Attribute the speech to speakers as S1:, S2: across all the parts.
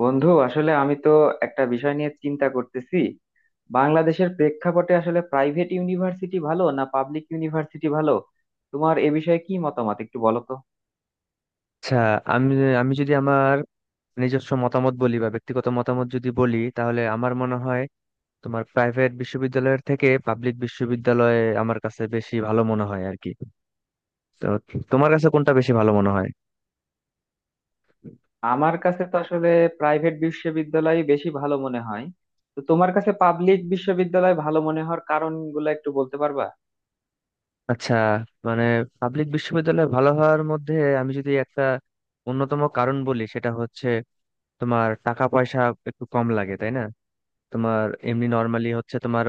S1: বন্ধু আসলে আমি তো একটা বিষয় নিয়ে চিন্তা করতেছি। বাংলাদেশের প্রেক্ষাপটে আসলে প্রাইভেট ইউনিভার্সিটি ভালো না পাবলিক ইউনিভার্সিটি ভালো? তোমার এ বিষয়ে কি মতামত একটু বলো তো।
S2: আচ্ছা। আমি আমি যদি আমার নিজস্ব মতামত বলি বা ব্যক্তিগত মতামত যদি বলি, তাহলে আমার মনে হয় তোমার প্রাইভেট বিশ্ববিদ্যালয়ের থেকে পাবলিক বিশ্ববিদ্যালয়ে আমার কাছে বেশি ভালো মনে হয় আর কি। তো তোমার কাছে কোনটা বেশি ভালো মনে হয়?
S1: আমার কাছে তো আসলে প্রাইভেট বিশ্ববিদ্যালয় বেশি ভালো মনে হয়। তো তোমার কাছে পাবলিক বিশ্ববিদ্যালয় ভালো মনে হওয়ার কারণগুলো একটু বলতে পারবা?
S2: আচ্ছা, মানে পাবলিক বিশ্ববিদ্যালয়ে ভালো হওয়ার মধ্যে আমি যদি একটা অন্যতম কারণ বলি, সেটা হচ্ছে তোমার টাকা পয়সা একটু কম লাগে, তাই না। তোমার এমনি নর্মালি হচ্ছে তোমার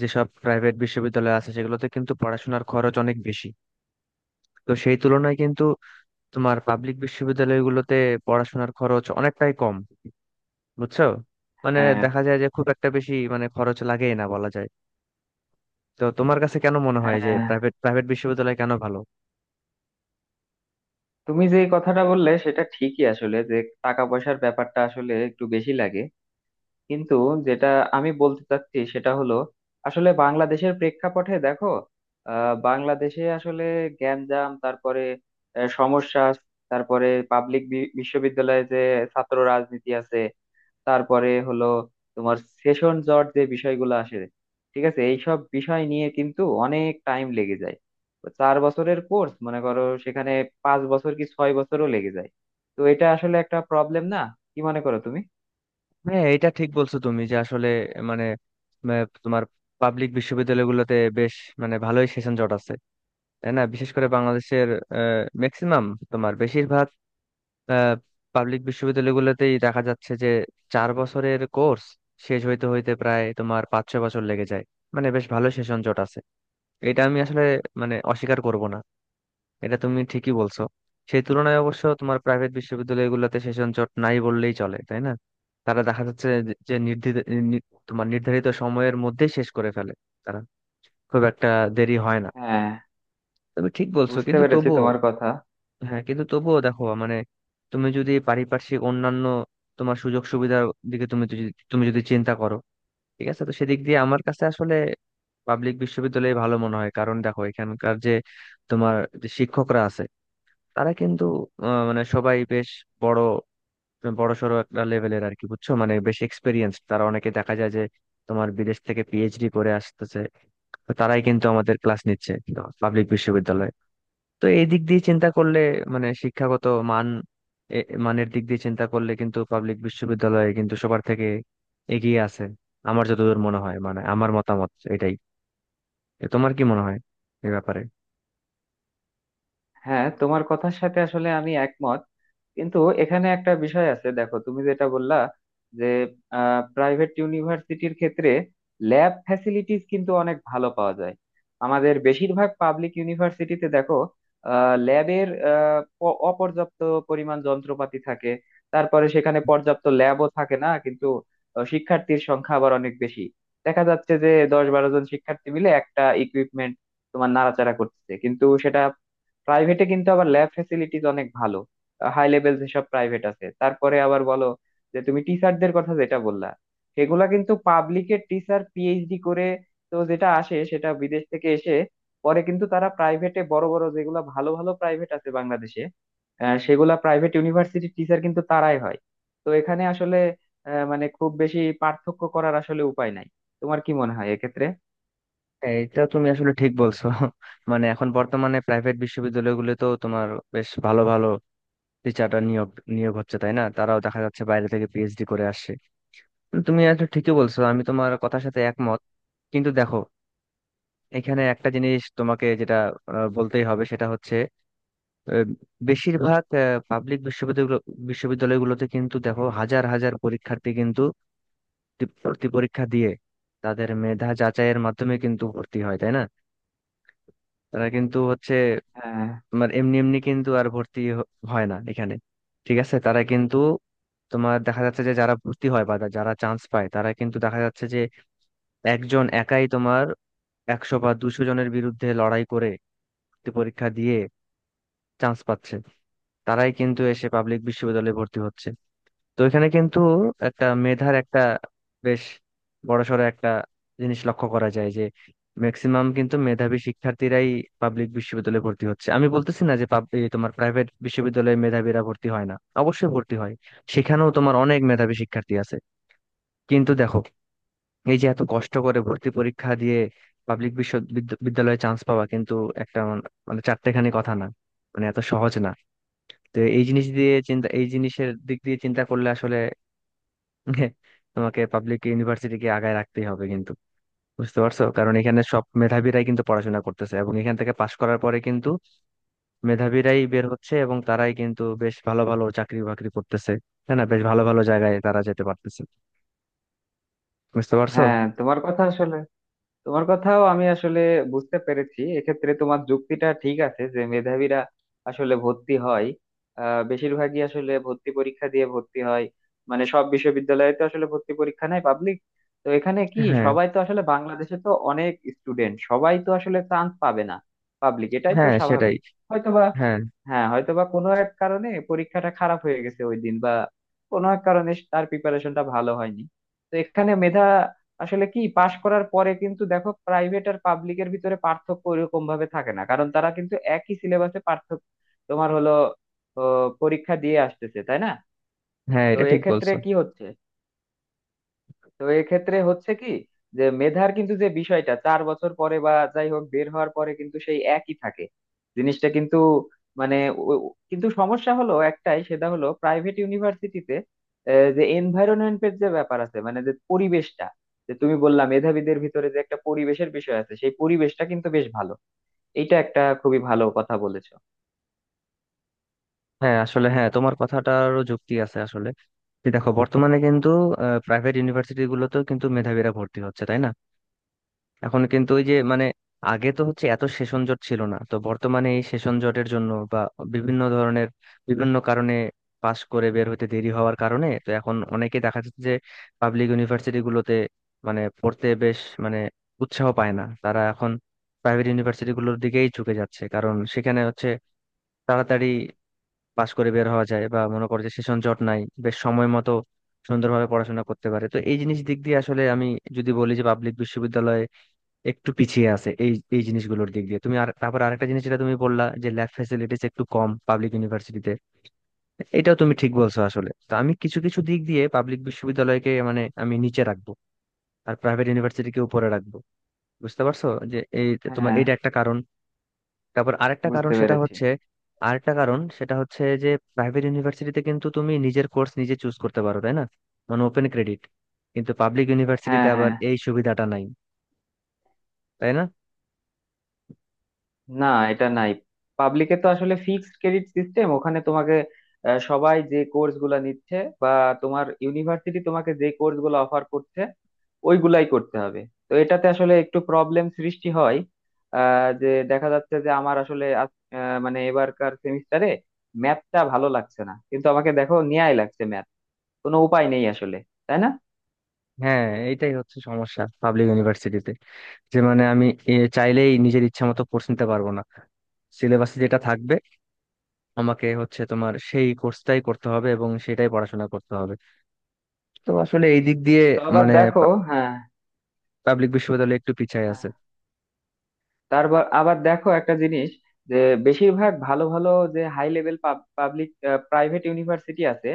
S2: যেসব প্রাইভেট বিশ্ববিদ্যালয় আছে সেগুলোতে কিন্তু পড়াশোনার খরচ অনেক বেশি। তো সেই তুলনায় কিন্তু তোমার পাবলিক বিশ্ববিদ্যালয়গুলোতে পড়াশোনার খরচ অনেকটাই কম। বুঝছো, মানে
S1: হ্যাঁ
S2: দেখা যায় যে খুব একটা বেশি মানে খরচ লাগেই না বলা যায়। তো তোমার কাছে কেন মনে হয় যে
S1: হ্যাঁ,
S2: প্রাইভেট প্রাইভেট বিশ্ববিদ্যালয় কেন ভালো?
S1: তুমি যে কথাটা বললে সেটা ঠিকই আসলে, যে টাকা পয়সার ব্যাপারটা আসলে একটু বেশি লাগে। কিন্তু যেটা আমি বলতে চাচ্ছি সেটা হলো, আসলে বাংলাদেশের প্রেক্ষাপটে দেখো, বাংলাদেশে আসলে গ্যাঞ্জাম, তারপরে সমস্যা, তারপরে পাবলিক বিশ্ববিদ্যালয়ে যে ছাত্র রাজনীতি আছে, তারপরে হলো তোমার সেশন জট, যে বিষয়গুলো আসে। ঠিক আছে, এইসব বিষয় নিয়ে কিন্তু অনেক টাইম লেগে যায়। তো 4 বছরের কোর্স মনে করো, সেখানে 5 বছর কি 6 বছরও লেগে যায়। তো এটা আসলে একটা প্রবলেম না? কি মনে করো তুমি?
S2: হ্যাঁ, এটা ঠিক বলছো তুমি যে আসলে মানে আহ, তোমার পাবলিক বিশ্ববিদ্যালয়গুলোতে বেশ মানে ভালোই সেশন জট আছে, তাই না। বিশেষ করে বাংলাদেশের ম্যাক্সিমাম তোমার বেশিরভাগ পাবলিক বিশ্ববিদ্যালয়গুলোতেই দেখা যাচ্ছে যে 4 বছরের কোর্স শেষ হইতে হইতে প্রায় তোমার 5-6 বছর লেগে যায়। মানে বেশ ভালো সেশন জট আছে। এটা আমি আসলে মানে অস্বীকার করব না, এটা তুমি ঠিকই বলছো। সেই তুলনায় অবশ্য তোমার প্রাইভেট বিশ্ববিদ্যালয়গুলোতে সেশন জট নাই বললেই চলে, তাই না। তারা দেখা যাচ্ছে যে যে তোমার নির্ধারিত সময়ের মধ্যেই শেষ করে ফেলে। তারা খুব একটা দেরি হয় না।
S1: হ্যাঁ,
S2: তুমি ঠিক বলছো,
S1: বুঝতে
S2: কিন্তু
S1: পেরেছি
S2: তবুও।
S1: তোমার কথা।
S2: হ্যাঁ, কিন্তু তবুও দেখো মানে তুমি যদি পারিপার্শ্বিক অন্যান্য তোমার সুযোগ সুবিধার দিকে তুমি যদি চিন্তা করো, ঠিক আছে। তো সেদিক দিয়ে আমার কাছে আসলে পাবলিক বিশ্ববিদ্যালয় ভালো মনে হয়, কারণ দেখো এখানকার যে তোমার যে শিক্ষকরা আছে তারা কিন্তু মানে সবাই বেশ বড় বড়সড় একটা লেভেলের আর কি। বুঝছো মানে বেশ এক্সপিরিয়েন্স, তারা অনেকে দেখা যায় যে তোমার বিদেশ থেকে পিএইচডি করে আসতেছে। তো তারাই কিন্তু আমাদের ক্লাস নিচ্ছে পাবলিক বিশ্ববিদ্যালয়ে। তো এই দিক দিয়ে চিন্তা করলে মানে শিক্ষাগত মান এ- মানের দিক দিয়ে চিন্তা করলে কিন্তু পাবলিক বিশ্ববিদ্যালয়ে কিন্তু সবার থেকে এগিয়ে আছে আমার যতদূর মনে হয়। মানে আমার মতামত এটাই। তো তোমার কি মনে হয় এই ব্যাপারে?
S1: হ্যাঁ, তোমার কথার সাথে আসলে আমি একমত। কিন্তু এখানে একটা বিষয় আছে, দেখো তুমি যেটা বললা, যে প্রাইভেট ইউনিভার্সিটির ক্ষেত্রে ল্যাব ফ্যাসিলিটিস কিন্তু অনেক ভালো পাওয়া যায়। আমাদের বেশিরভাগ পাবলিক ইউনিভার্সিটিতে দেখো, ল্যাবের অপর্যাপ্ত পরিমাণ যন্ত্রপাতি থাকে, তারপরে সেখানে পর্যাপ্ত ল্যাবও থাকে না, কিন্তু শিক্ষার্থীর সংখ্যা আবার অনেক বেশি। দেখা যাচ্ছে যে 10-12 জন শিক্ষার্থী মিলে একটা ইকুইপমেন্ট তোমার নাড়াচাড়া করতেছে, কিন্তু সেটা প্রাইভেটে কিন্তু আবার ল্যাব ফ্যাসিলিটিস অনেক ভালো, হাই লেভেল যেসব প্রাইভেট আছে। তারপরে আবার বলো, যে তুমি টিচারদের কথা যেটা বললা, সেগুলা কিন্তু পাবলিকের টিচার পিএইচডি করে তো, যেটা আসে সেটা বিদেশ থেকে এসে পরে কিন্তু তারা প্রাইভেটে বড় বড় যেগুলা ভালো ভালো প্রাইভেট আছে বাংলাদেশে, সেগুলা প্রাইভেট ইউনিভার্সিটির টিচার কিন্তু তারাই হয়। তো এখানে আসলে মানে খুব বেশি পার্থক্য করার আসলে উপায় নাই। তোমার কি মনে হয় এক্ষেত্রে?
S2: হ্যাঁ, এটা তুমি আসলে ঠিক বলছো। মানে এখন বর্তমানে প্রাইভেট বিশ্ববিদ্যালয়গুলো তো তোমার বেশ ভালো ভালো টিচাররা নিয়োগ নিয়োগ হচ্ছে, তাই না। তারাও দেখা যাচ্ছে বাইরে থেকে পিএইচডি করে আসছে। তুমি আসলে ঠিকই বলছো, আমি তোমার কথার সাথে একমত। কিন্তু দেখো, এখানে একটা জিনিস তোমাকে যেটা বলতেই হবে সেটা হচ্ছে, আহ, বেশিরভাগ পাবলিক বিশ্ববিদ্যালয়গুলো বিশ্ববিদ্যালয়গুলোতে কিন্তু দেখো হাজার হাজার পরীক্ষার্থী কিন্তু ভর্তি পরীক্ষা দিয়ে তাদের মেধা যাচাইয়ের মাধ্যমে কিন্তু ভর্তি হয়, তাই না। তারা কিন্তু হচ্ছে
S1: হ্যাঁ
S2: তোমার এমনি এমনি কিন্তু আর হয় না এখানে। ঠিক আছে, তারা কিন্তু তোমার দেখা যাচ্ছে যে যারা ভর্তি হয় বা যারা চান্স পায় তারা কিন্তু দেখা যাচ্ছে যে একজন একাই তোমার 100 বা 200 জনের বিরুদ্ধে লড়াই করে ভর্তি পরীক্ষা দিয়ে চান্স পাচ্ছে। তারাই কিন্তু এসে পাবলিক বিশ্ববিদ্যালয়ে ভর্তি হচ্ছে। তো এখানে কিন্তু একটা মেধার একটা বেশ বড়সড় একটা জিনিস লক্ষ্য করা যায় যে ম্যাক্সিমাম কিন্তু মেধাবী শিক্ষার্থীরাই পাবলিক বিশ্ববিদ্যালয়ে ভর্তি হচ্ছে। আমি বলতেছি না যে এই তোমার প্রাইভেট বিশ্ববিদ্যালয়ে মেধাবীরা ভর্তি হয় না, অবশ্যই ভর্তি হয়। সেখানেও তোমার অনেক মেধাবী শিক্ষার্থী আছে। কিন্তু দেখো, এই যে এত কষ্ট করে ভর্তি পরীক্ষা দিয়ে পাবলিক বিশ্ববিদ্যালয়ে চান্স পাওয়া কিন্তু একটা মানে চারটেখানি কথা না, মানে এত সহজ না। তো এই জিনিসের দিক দিয়ে চিন্তা করলে আসলে হ্যাঁ, তোমাকে পাবলিক ইউনিভার্সিটিকে আগায় রাখতেই হবে কিন্তু। বুঝতে পারছো, কারণ এখানে সব মেধাবীরাই কিন্তু পড়াশোনা করতেছে, এবং এখান থেকে পাশ করার পরে কিন্তু মেধাবীরাই বের হচ্ছে এবং তারাই কিন্তু বেশ ভালো ভালো চাকরি বাকরি করতেছে। হ্যাঁ না, বেশ ভালো ভালো জায়গায় তারা যেতে পারতেছে। বুঝতে পারছো।
S1: হ্যাঁ, তোমার কথা আসলে, তোমার কথাও আমি আসলে বুঝতে পেরেছি। এক্ষেত্রে তোমার যুক্তিটা ঠিক আছে, যে মেধাবীরা আসলে ভর্তি হয়, বেশিরভাগই আসলে ভর্তি পরীক্ষা দিয়ে ভর্তি হয়। মানে সব বিশ্ববিদ্যালয়ে তো আসলে ভর্তি পরীক্ষা নাই পাবলিক। তো এখানে কি,
S2: হ্যাঁ,
S1: সবাই তো আসলে বাংলাদেশে তো অনেক স্টুডেন্ট, সবাই তো আসলে চান্স পাবে না পাবলিক, এটাই তো
S2: হ্যাঁ, সেটাই।
S1: স্বাভাবিক। হয়তোবা,
S2: হ্যাঁ,
S1: হ্যাঁ, হয়তোবা কোনো এক কারণে পরীক্ষাটা খারাপ হয়ে গেছে ওই দিন, বা কোনো এক কারণে তার প্রিপারেশনটা ভালো হয়নি। তো এখানে মেধা আসলে কি, পাশ করার পরে কিন্তু দেখো প্রাইভেট আর পাবলিকের ভিতরে পার্থক্য ওইরকম ভাবে থাকে না, কারণ তারা কিন্তু একই সিলেবাসে পার্থক্য তোমার হলো ও, পরীক্ষা দিয়ে আসতেছে, তাই না?
S2: হ্যাঁ,
S1: তো
S2: এটা ঠিক
S1: এক্ষেত্রে
S2: বলছো।
S1: কি হচ্ছে, তো এক্ষেত্রে হচ্ছে কি, যে মেধার কিন্তু যে বিষয়টা 4 বছর পরে বা যাই হোক বের হওয়ার পরে কিন্তু সেই একই থাকে, জিনিসটা কিন্তু, মানে কিন্তু সমস্যা হলো একটাই, সেটা হলো প্রাইভেট ইউনিভার্সিটিতে যে এনভায়রনমেন্টের যে ব্যাপার আছে, মানে যে পরিবেশটা, যে তুমি বললা মেধাবীদের ভিতরে যে একটা পরিবেশের বিষয় আছে, সেই পরিবেশটা কিন্তু বেশ ভালো। এটা একটা খুবই ভালো কথা বলেছো।
S2: হ্যাঁ আসলে, হ্যাঁ তোমার কথাটারও যুক্তি আছে আসলে। যে দেখো, বর্তমানে কিন্তু প্রাইভেট ইউনিভার্সিটি গুলোতেও কিন্তু মেধাবীরা ভর্তি হচ্ছে, তাই না। এখন কিন্তু ওই যে মানে আগে তো হচ্ছে এত সেশন জট ছিল না, তো বর্তমানে এই সেশন জটের জন্য বা বিভিন্ন ধরনের বিভিন্ন কারণে পাশ করে বের হতে দেরি হওয়ার কারণে তো এখন অনেকে দেখা যাচ্ছে যে পাবলিক ইউনিভার্সিটি গুলোতে মানে পড়তে বেশ মানে উৎসাহ পায় না। তারা এখন প্রাইভেট ইউনিভার্সিটি গুলোর দিকেই ঝুঁকে যাচ্ছে, কারণ সেখানে হচ্ছে তাড়াতাড়ি পাশ করে বের হওয়া যায় বা মনে করে যে সেশন জট নাই, বেশ সময় মতো সুন্দরভাবে পড়াশোনা করতে পারে। তো এই জিনিস দিক দিয়ে আসলে আমি যদি বলি যে পাবলিক বিশ্ববিদ্যালয়ে একটু পিছিয়ে আছে এই এই জিনিসগুলোর দিক দিয়ে তুমি। আর তারপর আরেকটা জিনিস যেটা তুমি বললা যে ল্যাব ফ্যাসিলিটিস একটু কম পাবলিক ইউনিভার্সিটিতে, এটাও তুমি ঠিক বলছো আসলে। তো আমি কিছু কিছু দিক দিয়ে পাবলিক বিশ্ববিদ্যালয়কে মানে আমি নিচে রাখবো আর প্রাইভেট ইউনিভার্সিটিকে উপরে রাখবো। বুঝতে পারছো, যে এই তোমার
S1: হ্যাঁ,
S2: এটা একটা কারণ। তারপর আরেকটা কারণ
S1: বুঝতে
S2: সেটা
S1: পেরেছি।
S2: হচ্ছে, যে প্রাইভেট ইউনিভার্সিটিতে কিন্তু তুমি নিজের কোর্স নিজে চুজ করতে পারো, তাই না। মানে ওপেন ক্রেডিট। কিন্তু পাবলিক ইউনিভার্সিটিতে
S1: হ্যাঁ
S2: আবার
S1: হ্যাঁ,
S2: এই সুবিধাটা নাই, তাই না।
S1: না, এটা নাই। পাবলিকে তো আসলে ফিক্সড ক্রেডিট সিস্টেম, ওখানে তোমাকে সবাই যে কোর্স গুলা নিচ্ছে বা তোমার ইউনিভার্সিটি তোমাকে যে কোর্স গুলো অফার করছে ওইগুলাই করতে হবে। তো এটাতে আসলে একটু প্রবলেম সৃষ্টি হয়, যে দেখা যাচ্ছে যে আমার আসলে মানে এবারকার সেমিস্টারে ম্যাথটা ভালো লাগছে না, কিন্তু আমাকে দেখো ন্যায় লাগছে ম্যাথ, কোনো উপায় নেই আসলে, তাই না?
S2: হ্যাঁ, এটাই হচ্ছে সমস্যা পাবলিক ইউনিভার্সিটিতে, যে মানে আমি চাইলেই নিজের ইচ্ছা মতো কোর্স নিতে পারবো না। সিলেবাসে যেটা থাকবে আমাকে হচ্ছে তোমার সেই কোর্সটাই করতে হবে এবং সেটাই পড়াশোনা করতে হবে। তো আসলে এই দিক দিয়ে
S1: তো আবার
S2: মানে
S1: দেখো, হ্যাঁ
S2: পাবলিক বিশ্ববিদ্যালয় একটু পিছায়
S1: হ্যাঁ,
S2: আছে।
S1: তারপর আবার দেখো একটা জিনিস, যে বেশিরভাগ ভালো ভালো, যে high level public private university আছে,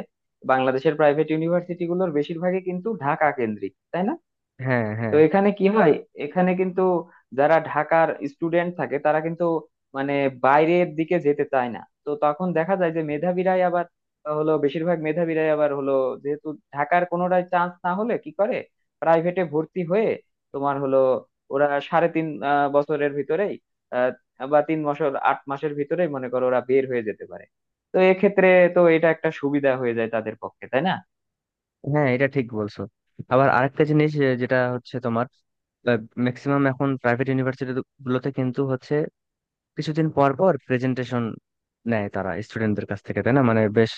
S1: বাংলাদেশের প্রাইভেট ইউনিভার্সিটি গুলোর বেশিরভাগই কিন্তু ঢাকা কেন্দ্রিক, তাই না?
S2: হ্যাঁ,
S1: তো
S2: হ্যাঁ,
S1: এখানে কি হয়, এখানে কিন্তু যারা ঢাকার স্টুডেন্ট থাকে তারা কিন্তু মানে বাইরের দিকে যেতে চায় না, তো তখন দেখা যায় যে মেধাবীরাই আবার হলো, বেশিরভাগ মেধাবীরাই আবার হলো, যেহেতু ঢাকার কোনোটায় চান্স না হলে কি করে প্রাইভেটে ভর্তি হয়ে তোমার হলো, ওরা সাড়ে তিন বছরের ভিতরেই, আহ, বা 3 বছর 8 মাসের ভিতরেই মনে করো ওরা বের হয়ে যেতে পারে। তো এক্ষেত্রে, তো এটা একটা সুবিধা হয়ে যায় তাদের পক্ষে, তাই না?
S2: হ্যাঁ, এটা ঠিক বলছো। আবার আরেকটা জিনিস যেটা হচ্ছে তোমার ম্যাক্সিমাম এখন প্রাইভেট ইউনিভার্সিটি গুলোতে কিন্তু হচ্ছে কিছুদিন পর পর প্রেজেন্টেশন নেয় তারা স্টুডেন্টদের কাছ থেকে, তাই না। মানে বেশ,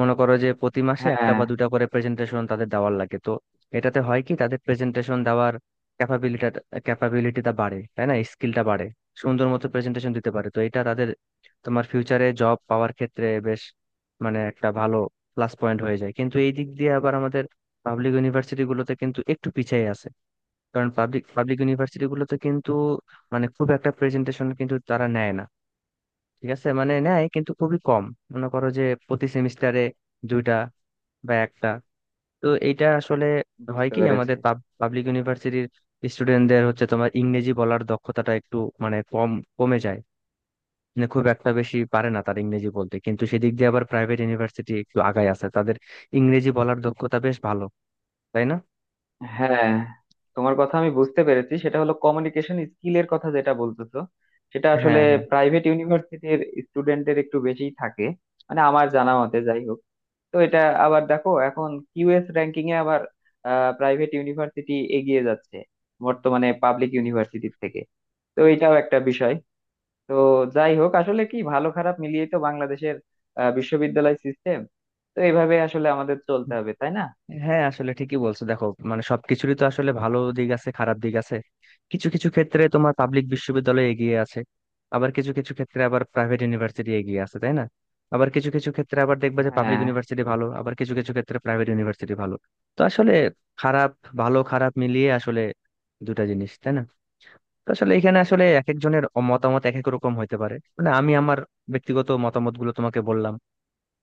S2: মনে করো যে প্রতি মাসে একটা
S1: হ্যাঁ,
S2: বা দুটা করে প্রেজেন্টেশন তাদের দেওয়ার লাগে। তো এটাতে হয় কি তাদের প্রেজেন্টেশন দেওয়ার ক্যাপাবিলিটি ক্যাপাবিলিটিটা বাড়ে, তাই না। স্কিলটা বাড়ে, সুন্দর মতো প্রেজেন্টেশন দিতে পারে। তো এটা তাদের তোমার ফিউচারে জব পাওয়ার ক্ষেত্রে বেশ মানে একটা ভালো প্লাস পয়েন্ট হয়ে যায়। কিন্তু এই দিক দিয়ে আবার আমাদের পাবলিক ইউনিভার্সিটি গুলোতে কিন্তু একটু পিছিয়ে আছে, কারণ পাবলিক পাবলিক ইউনিভার্সিটি গুলোতে কিন্তু মানে খুব একটা প্রেজেন্টেশন কিন্তু তারা নেয় না। ঠিক আছে, মানে নেয় কিন্তু খুবই কম। মনে করো যে প্রতি সেমিস্টারে দুইটা বা একটা। তো এইটা আসলে হয়
S1: বুঝতে
S2: কি
S1: পেরেছি।
S2: আমাদের পাবলিক ইউনিভার্সিটির স্টুডেন্টদের হচ্ছে তোমার ইংরেজি বলার দক্ষতাটা একটু মানে কম, কমে যায়। মানে খুব একটা বেশি পারে না তার ইংরেজি বলতে। কিন্তু সেদিক দিয়ে আবার প্রাইভেট ইউনিভার্সিটি একটু আগায় আছে, তাদের ইংরেজি বলার দক্ষতা বেশ ভালো, তাই না।
S1: হ্যাঁ, তোমার কথা আমি বুঝতে পেরেছি, সেটা হলো কমিউনিকেশন স্কিলের কথা যেটা বলতেছো, সেটা আসলে
S2: হ্যাঁ, হ্যাঁ,
S1: প্রাইভেট ইউনিভার্সিটির স্টুডেন্টদের একটু বেশিই থাকে, মানে আমার জানা মতে যাই হোক। তো এটা, আবার দেখো এখন কিউএস র্যাঙ্কিং এ আবার প্রাইভেট ইউনিভার্সিটি এগিয়ে যাচ্ছে বর্তমানে পাবলিক ইউনিভার্সিটির থেকে। তো এটাও একটা বিষয়। তো যাই হোক, আসলে কি ভালো খারাপ মিলিয়ে তো বাংলাদেশের বিশ্ববিদ্যালয় সিস্টেম, তো এইভাবে আসলে আমাদের চলতে হবে, তাই না?
S2: হ্যাঁ আসলে ঠিকই বলছো। দেখো মানে সবকিছুরই তো আসলে ভালো দিক আছে, খারাপ দিক আছে। কিছু কিছু ক্ষেত্রে তোমার পাবলিক বিশ্ববিদ্যালয় এগিয়ে আছে, আবার কিছু কিছু ক্ষেত্রে আবার প্রাইভেট ইউনিভার্সিটি এগিয়ে আছে, তাই না। আবার কিছু কিছু ক্ষেত্রে আবার দেখবে যে পাবলিক
S1: হ্যাঁ
S2: ইউনিভার্সিটি ভালো, আবার কিছু কিছু ক্ষেত্রে প্রাইভেট ইউনিভার্সিটি ভালো। তো আসলে খারাপ ভালো খারাপ মিলিয়ে আসলে দুটা জিনিস, তাই না। তো আসলে এখানে আসলে এক একজনের মতামত এক এক রকম হইতে পারে। মানে আমি আমার ব্যক্তিগত মতামত গুলো তোমাকে বললাম,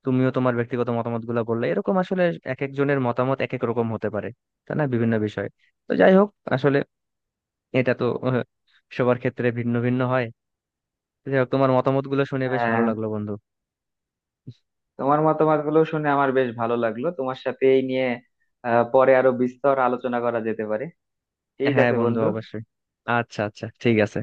S2: তুমিও তোমার ব্যক্তিগত মতামত গুলা বললে। এরকম আসলে এক একজনের মতামত এক এক রকম হতে পারে, তাই না, বিভিন্ন বিষয়ে। তো যাই হোক, আসলে এটা তো সবার ক্ষেত্রে ভিন্ন ভিন্ন হয়। যাই হোক, তোমার মতামত গুলো শুনে বেশ ভালো
S1: হ্যাঁ,
S2: লাগলো বন্ধু।
S1: তোমার মতামত গুলো শুনে আমার বেশ ভালো লাগলো, তোমার সাথে এই নিয়ে পরে আরো বিস্তর আলোচনা করা যেতে পারে। ঠিক
S2: হ্যাঁ
S1: আছে
S2: বন্ধু,
S1: বন্ধু।
S2: অবশ্যই। আচ্ছা, আচ্ছা, ঠিক আছে।